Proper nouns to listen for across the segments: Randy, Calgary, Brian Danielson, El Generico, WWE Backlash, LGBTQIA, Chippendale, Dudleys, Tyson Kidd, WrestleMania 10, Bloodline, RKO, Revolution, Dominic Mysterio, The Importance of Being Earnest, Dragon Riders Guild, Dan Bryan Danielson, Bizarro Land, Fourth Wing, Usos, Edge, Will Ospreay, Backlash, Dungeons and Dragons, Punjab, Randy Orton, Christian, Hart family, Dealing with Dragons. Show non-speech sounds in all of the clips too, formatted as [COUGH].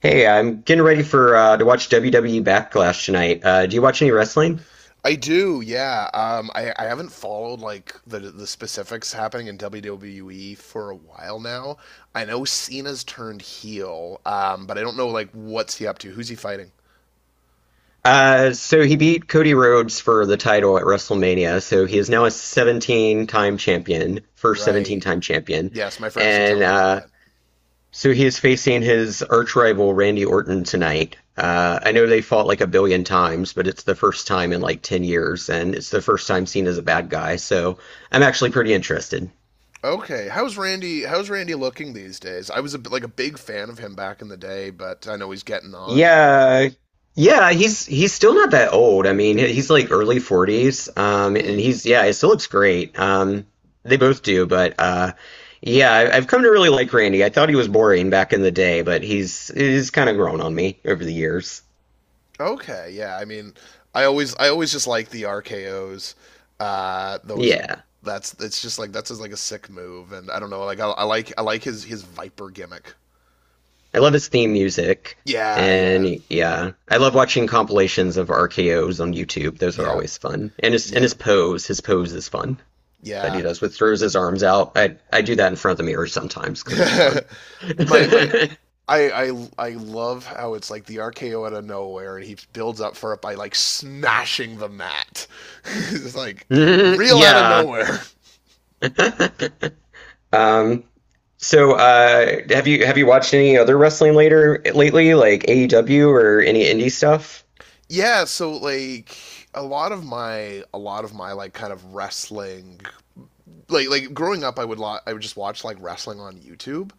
Hey, I'm getting ready for to watch WWE Backlash tonight. Do you watch any wrestling? I do, yeah. I haven't followed like the specifics happening in WWE for a while now. I know Cena's turned heel, but I don't know like what's he up to. Who's he fighting? So he beat Cody Rhodes for the title at WrestleMania. So he is now a 17-time champion, first Right. 17-time champion, Yes, my friends did tell and me about uh, that. so he is facing his arch rival Randy Orton tonight. I know they fought like a billion times, but it's the first time in like 10 years, and it's the first time seen as a bad guy. So I'm actually pretty interested. Okay, how's Randy? How's Randy looking these days? I was like a big fan of him back in the day, but I know he's getting on. Yeah. Yeah, he's still not that old. I mean, he's like early 40s. And Hmm. he's yeah, he still looks great. They both do, but yeah, I've come to really like Randy. I thought he was boring back in the day, but he's kind of grown on me over the years. Okay, yeah. I mean, I always just like the RKO's. Those Yeah. that's it's just like that's just like a sick move, and I don't know. Like I like his Viper gimmick. I love his theme music. Yeah, yeah, And yeah, I love watching compilations of RKOs on YouTube. Those are yeah, always fun. And yeah, his pose is fun that he yeah. does, with throws his arms out. I do that in front of the mirror sometimes [LAUGHS] because it's fun. my my. [LAUGHS] I love how it's like the RKO out of nowhere and he builds up for it by like smashing the mat. [LAUGHS] It's like real out of Yeah. nowhere. [LAUGHS] um. So, have you watched any other wrestling later lately, like AEW or any indie stuff? Yeah so like a lot of my a lot of my like kind of wrestling, like growing up I would just watch like wrestling on YouTube.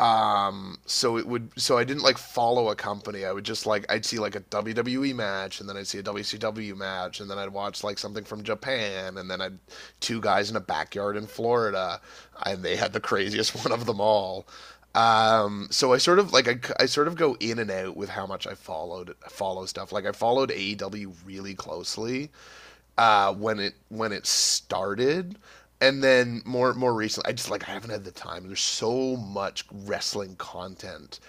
Um, so it would so I didn't like follow a company. I would just like I'd see like a WWE match and then I'd see a WCW match and then I'd watch like something from Japan, and then I'd two guys in a backyard in Florida and they had the craziest [LAUGHS] one of them all. So I sort of like I sort of go in and out with how much I follow stuff. Like I followed AEW really closely when it started, and then more recently, I just like I haven't had the time. There's so much wrestling content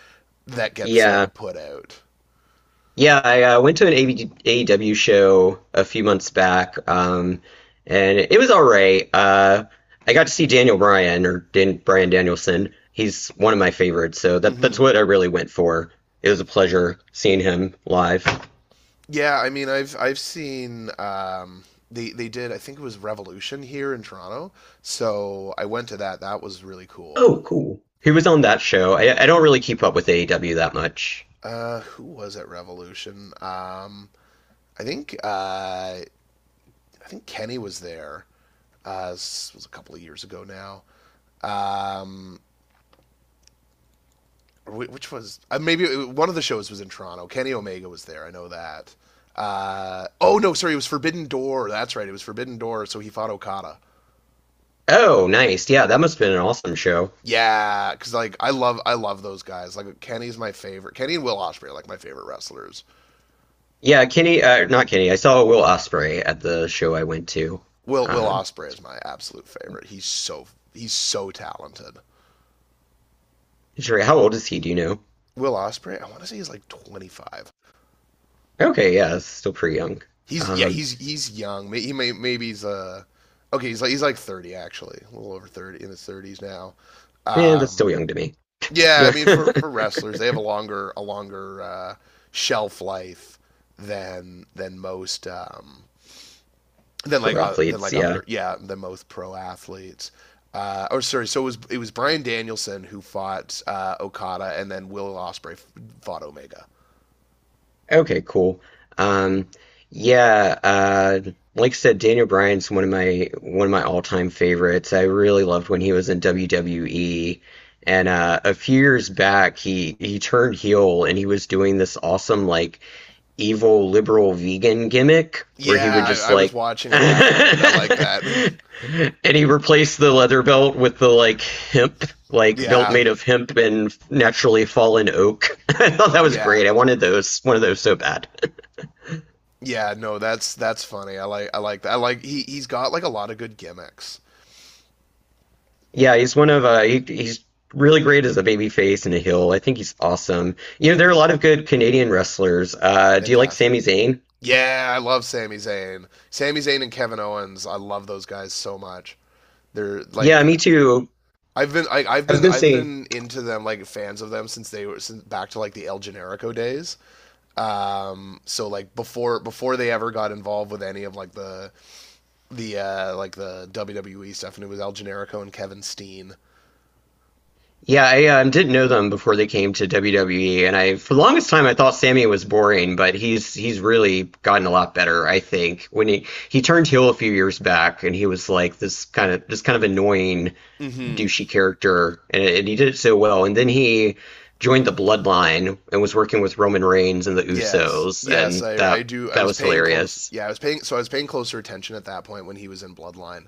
that gets like Yeah. put out. Yeah, I went to an AEW show a few months back, and it was all right. I got to see Daniel Bryan or Dan Bryan Danielson. He's one of my favorites, so that's Hmm. what I really went for. It was a pleasure seeing him live. Yeah, I mean, I've seen they did I think it was Revolution here in Toronto, so I went to that. That was really cool. Oh, cool. He was on that show. I don't really keep up with AEW that much. Who was at Revolution? I think uh, I think Kenny was there. This was a couple of years ago now. Um, which was maybe One of the shows was in Toronto. Kenny Omega was there. I know that. Oh no, sorry, it was Forbidden Door. That's right, it was Forbidden Door. So he fought Okada. Oh, nice. Yeah, that must have been an awesome show. Yeah, because like I love those guys. Like Kenny's my favorite. Kenny and Will Ospreay are like my favorite wrestlers. Yeah, not Kenny. I saw Will Ospreay at the show I went to. Will Um, Ospreay is my absolute favorite. He's so talented. Jerry, how old is he? Do you know? Will Ospreay. I want to say he's like 25. Okay, yeah, that's still pretty young. He's yeah, Um, he's young. May- He may maybe he's okay, he's like 30 actually, a little over 30 in his 30s now. yeah, that's still Um, young to me. Yeah, I Yeah, mean for wrestlers, they have a longer shelf life than most, [LAUGHS] pro than athletes, like yeah. other yeah than most pro athletes. Oh, sorry. So it was Brian Danielson who fought Okada, and then Will Osprey fought Omega. Okay, cool. Um, yeah, uh, like I said, Daniel Bryan's one of my all-time favorites. I really loved when he was in WWE, and a few years back, he turned heel and he was doing this awesome like evil liberal vegan gimmick where he Yeah, would just I was like [LAUGHS] watching at that point. I like and that. he replaced the leather belt with the like hemp, [LAUGHS] like belt Yeah, made of hemp and naturally fallen oak. [LAUGHS] I thought that was yeah, great. I wanted one of those so bad. [LAUGHS] yeah. No, that's funny. I like that. I like he's got like a lot of good gimmicks. Yeah, he's one of he, he's really great as a baby face and a heel. I think he's awesome. You know, there are a lot of good Canadian wrestlers. Do you like Fantastic. Sami Zayn? Yeah, I love Sami Zayn. Sami Zayn and Kevin Owens, I love those guys so much. They're Yeah, like me too. I've been I, I was gonna I've say been into them like fans of them since they were, since back to like the El Generico days. So before they ever got involved with any of like the WWE stuff, and it was El Generico and Kevin Steen. Yeah, I didn't know them before they came to WWE, and I for the longest time I thought Sammy was boring, but he's really gotten a lot better, I think. When he turned heel a few years back, and he was like this kind of annoying Mm-hmm. douchey character, and he did it so well. And then he joined the Bloodline and was working with Roman Reigns and the Yes, Usos, yes, and I do. I that was was paying close. hilarious. Yeah, I was paying. So I was paying closer attention at that point when he was in Bloodline.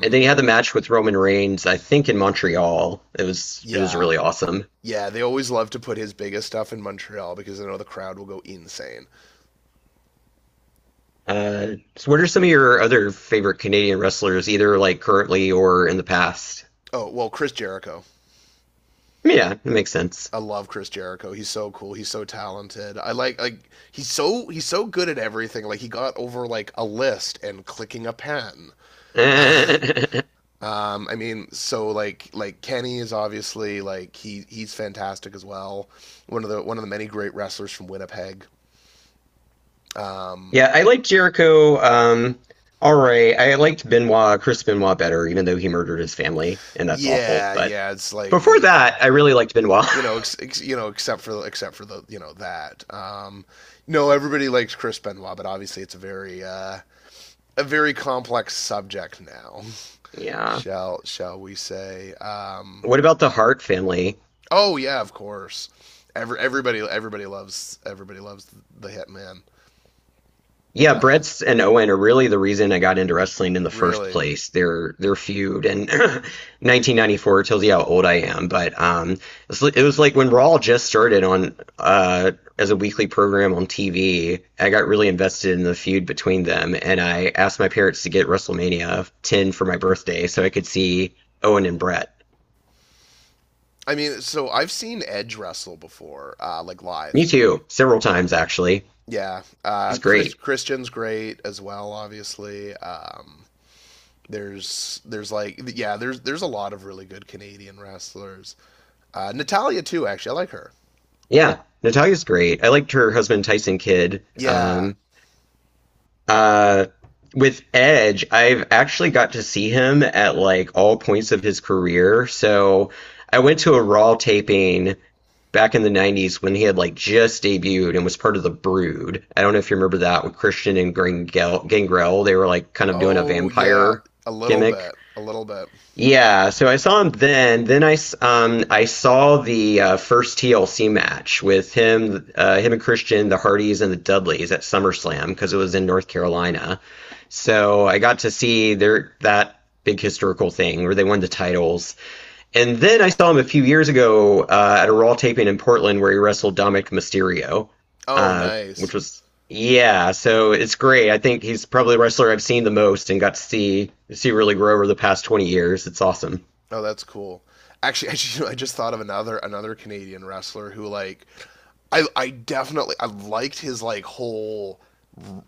And then he had the match with Roman Reigns, I think in Montreal. It was yeah, really awesome. yeah, they always love to put his biggest stuff in Montreal because I know the crowd will go insane. So what are some of your other favorite Canadian wrestlers, either like currently or in the past? Oh, well, Chris Jericho. Yeah, it makes sense. I love Chris Jericho. He's so cool. He's so talented. I like he's so good at everything. Like he got over like a list and clicking a pen. [LAUGHS] I mean, so like Kenny is obviously like he's fantastic as well. One of the many great wrestlers from Winnipeg. Um, Yeah, I liked Jericho. All right, I liked Chris Benoit better, even though he murdered his family, and that's awful. yeah, But yeah, it's like before that, I really liked Benoit. [LAUGHS] Except for except for the you know that. No, everybody likes Chris Benoit, but obviously it's a very complex subject now. [LAUGHS] Yeah. Shall we say? What about the Hart family? Oh yeah, of course. Everybody loves the Hitman. Yeah, Uh, Brett's and Owen are really the reason I got into wrestling in the first really, place. Their feud and 1994 [CLEARS THROAT] tells you how old I am, but it was like when Raw just started on as a weekly program on TV. I got really invested in the feud between them, and I asked my parents to get WrestleMania 10 for my birthday so I could see Owen and Brett. I mean, so I've seen Edge wrestle before, like live. Me too, several times actually. Yeah, He's great. Christian's great as well, obviously. There's there's a lot of really good Canadian wrestlers. Natalia too, actually I like her. Yeah, Natalia's great. I liked her husband Tyson Kidd. Yeah. Uh, with Edge, I've actually got to see him at like all points of his career. So I went to a Raw taping back in the 90s when he had like just debuted and was part of the Brood. I don't know if you remember that with Christian and Gangrel. Gangrel, they were like kind of doing a Oh yeah, vampire a little gimmick. bit, a little bit. Yeah, so I saw him then. Then I saw the first TLC match with him, him and Christian, the Hardys and the Dudleys at SummerSlam because it was in North Carolina. So I got to see their that big historical thing where they won the titles. And then I saw him a few years ago at a Raw taping in Portland where he wrestled Dominic Mysterio, Oh uh, nice. which was yeah. So it's great. I think he's probably the wrestler I've seen the most and got to see really grow over the past 20 years. It's awesome. Oh that's cool. Actually, [LAUGHS] I just thought of another Canadian wrestler who like I liked his like whole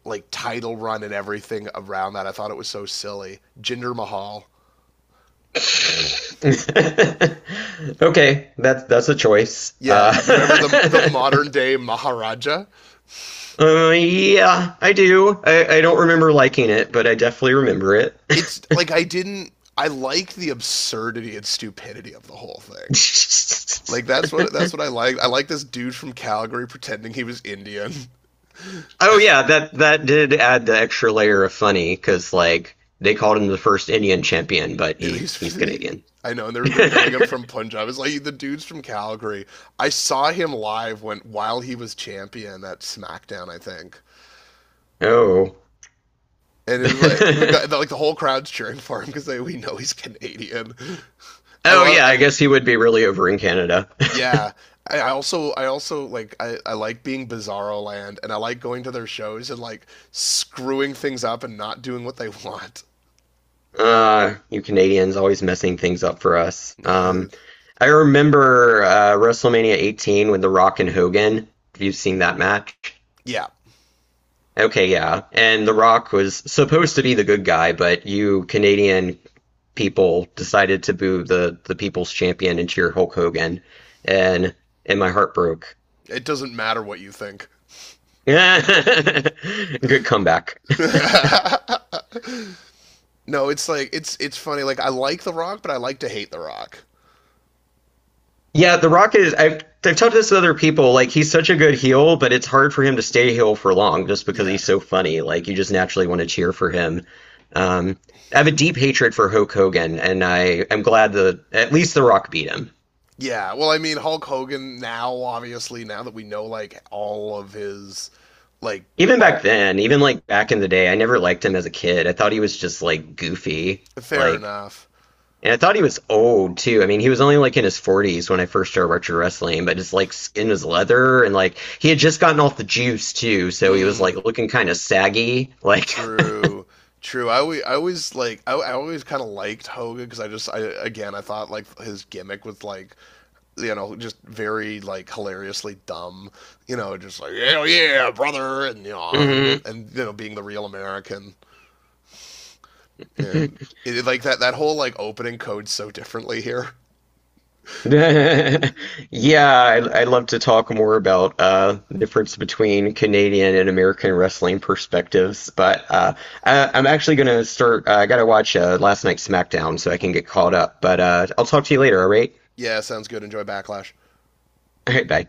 like title run and everything around that. I thought it was so silly. Jinder Mahal. [LAUGHS] Okay, that's a choice. Yeah, you remember the modern day Maharaja? [LAUGHS] Yeah, I do. I don't remember liking it, but I definitely remember it. It's like I didn't I like the absurdity and stupidity of the whole thing. Like [LAUGHS] that's what I like. I like this dude from Calgary pretending he was Indian. [LAUGHS] Oh yeah, that did add the extra layer of funny because like they called him the first Indian champion, but he's He's, Canadian. I know, and they're billing him [LAUGHS] from Punjab. It's like the dude's from Calgary. I saw him live when while he was champion at SmackDown, I think. oh. And it was like we got [LAUGHS] like the whole crowd's cheering for him because they we know he's Canadian. [LAUGHS] I Oh love yeah, I I, guess he would be really over in Canada. Yeah, I also I like being Bizarro Land, and I like going to their shows and like screwing things up and not doing what they [LAUGHS] want. You Canadians always messing things up for us. Uh, I remember WrestleMania 18 with The Rock and Hogan. Have you seen that match? yeah, Okay, yeah. And The Rock was supposed to be the good guy, but you Canadian people decided to boo the people's champion and cheer Hulk Hogan, and my heart broke. it doesn't matter what you think. [LAUGHS] Good comeback. [LAUGHS] No, it's like it's funny. Like I like The Rock, but I like to hate The Rock. Yeah, The Rock is. I've talked to this with other people. Like he's such a good heel, but it's hard for him to stay heel for long just because Yeah, he's so funny. Like you just naturally want to cheer for him. Um, I have a deep hatred for Hulk Hogan, and I am glad that at least The Rock beat him. yeah. Well, I mean Hulk Hogan now, obviously now that we know like all of his, like Even all, back then, even like back in the day, I never liked him as a kid. I thought he was just like goofy. fair Like enough. and I thought he was old too. I mean, he was only like in his 40s when I first started retro wrestling, but his like skin was leather and like he had just gotten off the juice too, so he was Mm. like looking kind of saggy. Like, True. True. I always like I always kind of liked Hogan because I just I again I thought like his gimmick was like you know just very like hilariously dumb, you know, just like hell yeah brother, and you know, [LAUGHS] yeah, and you know being the real American, and it, like that whole like opening codes so differently here. I, I'd love to talk more about the difference between Canadian and American wrestling perspectives, but I'm actually gonna start. I gotta watch last night's SmackDown so I can get caught up, but I'll talk to you later. Yeah, sounds good. Enjoy Backlash. All right, bye.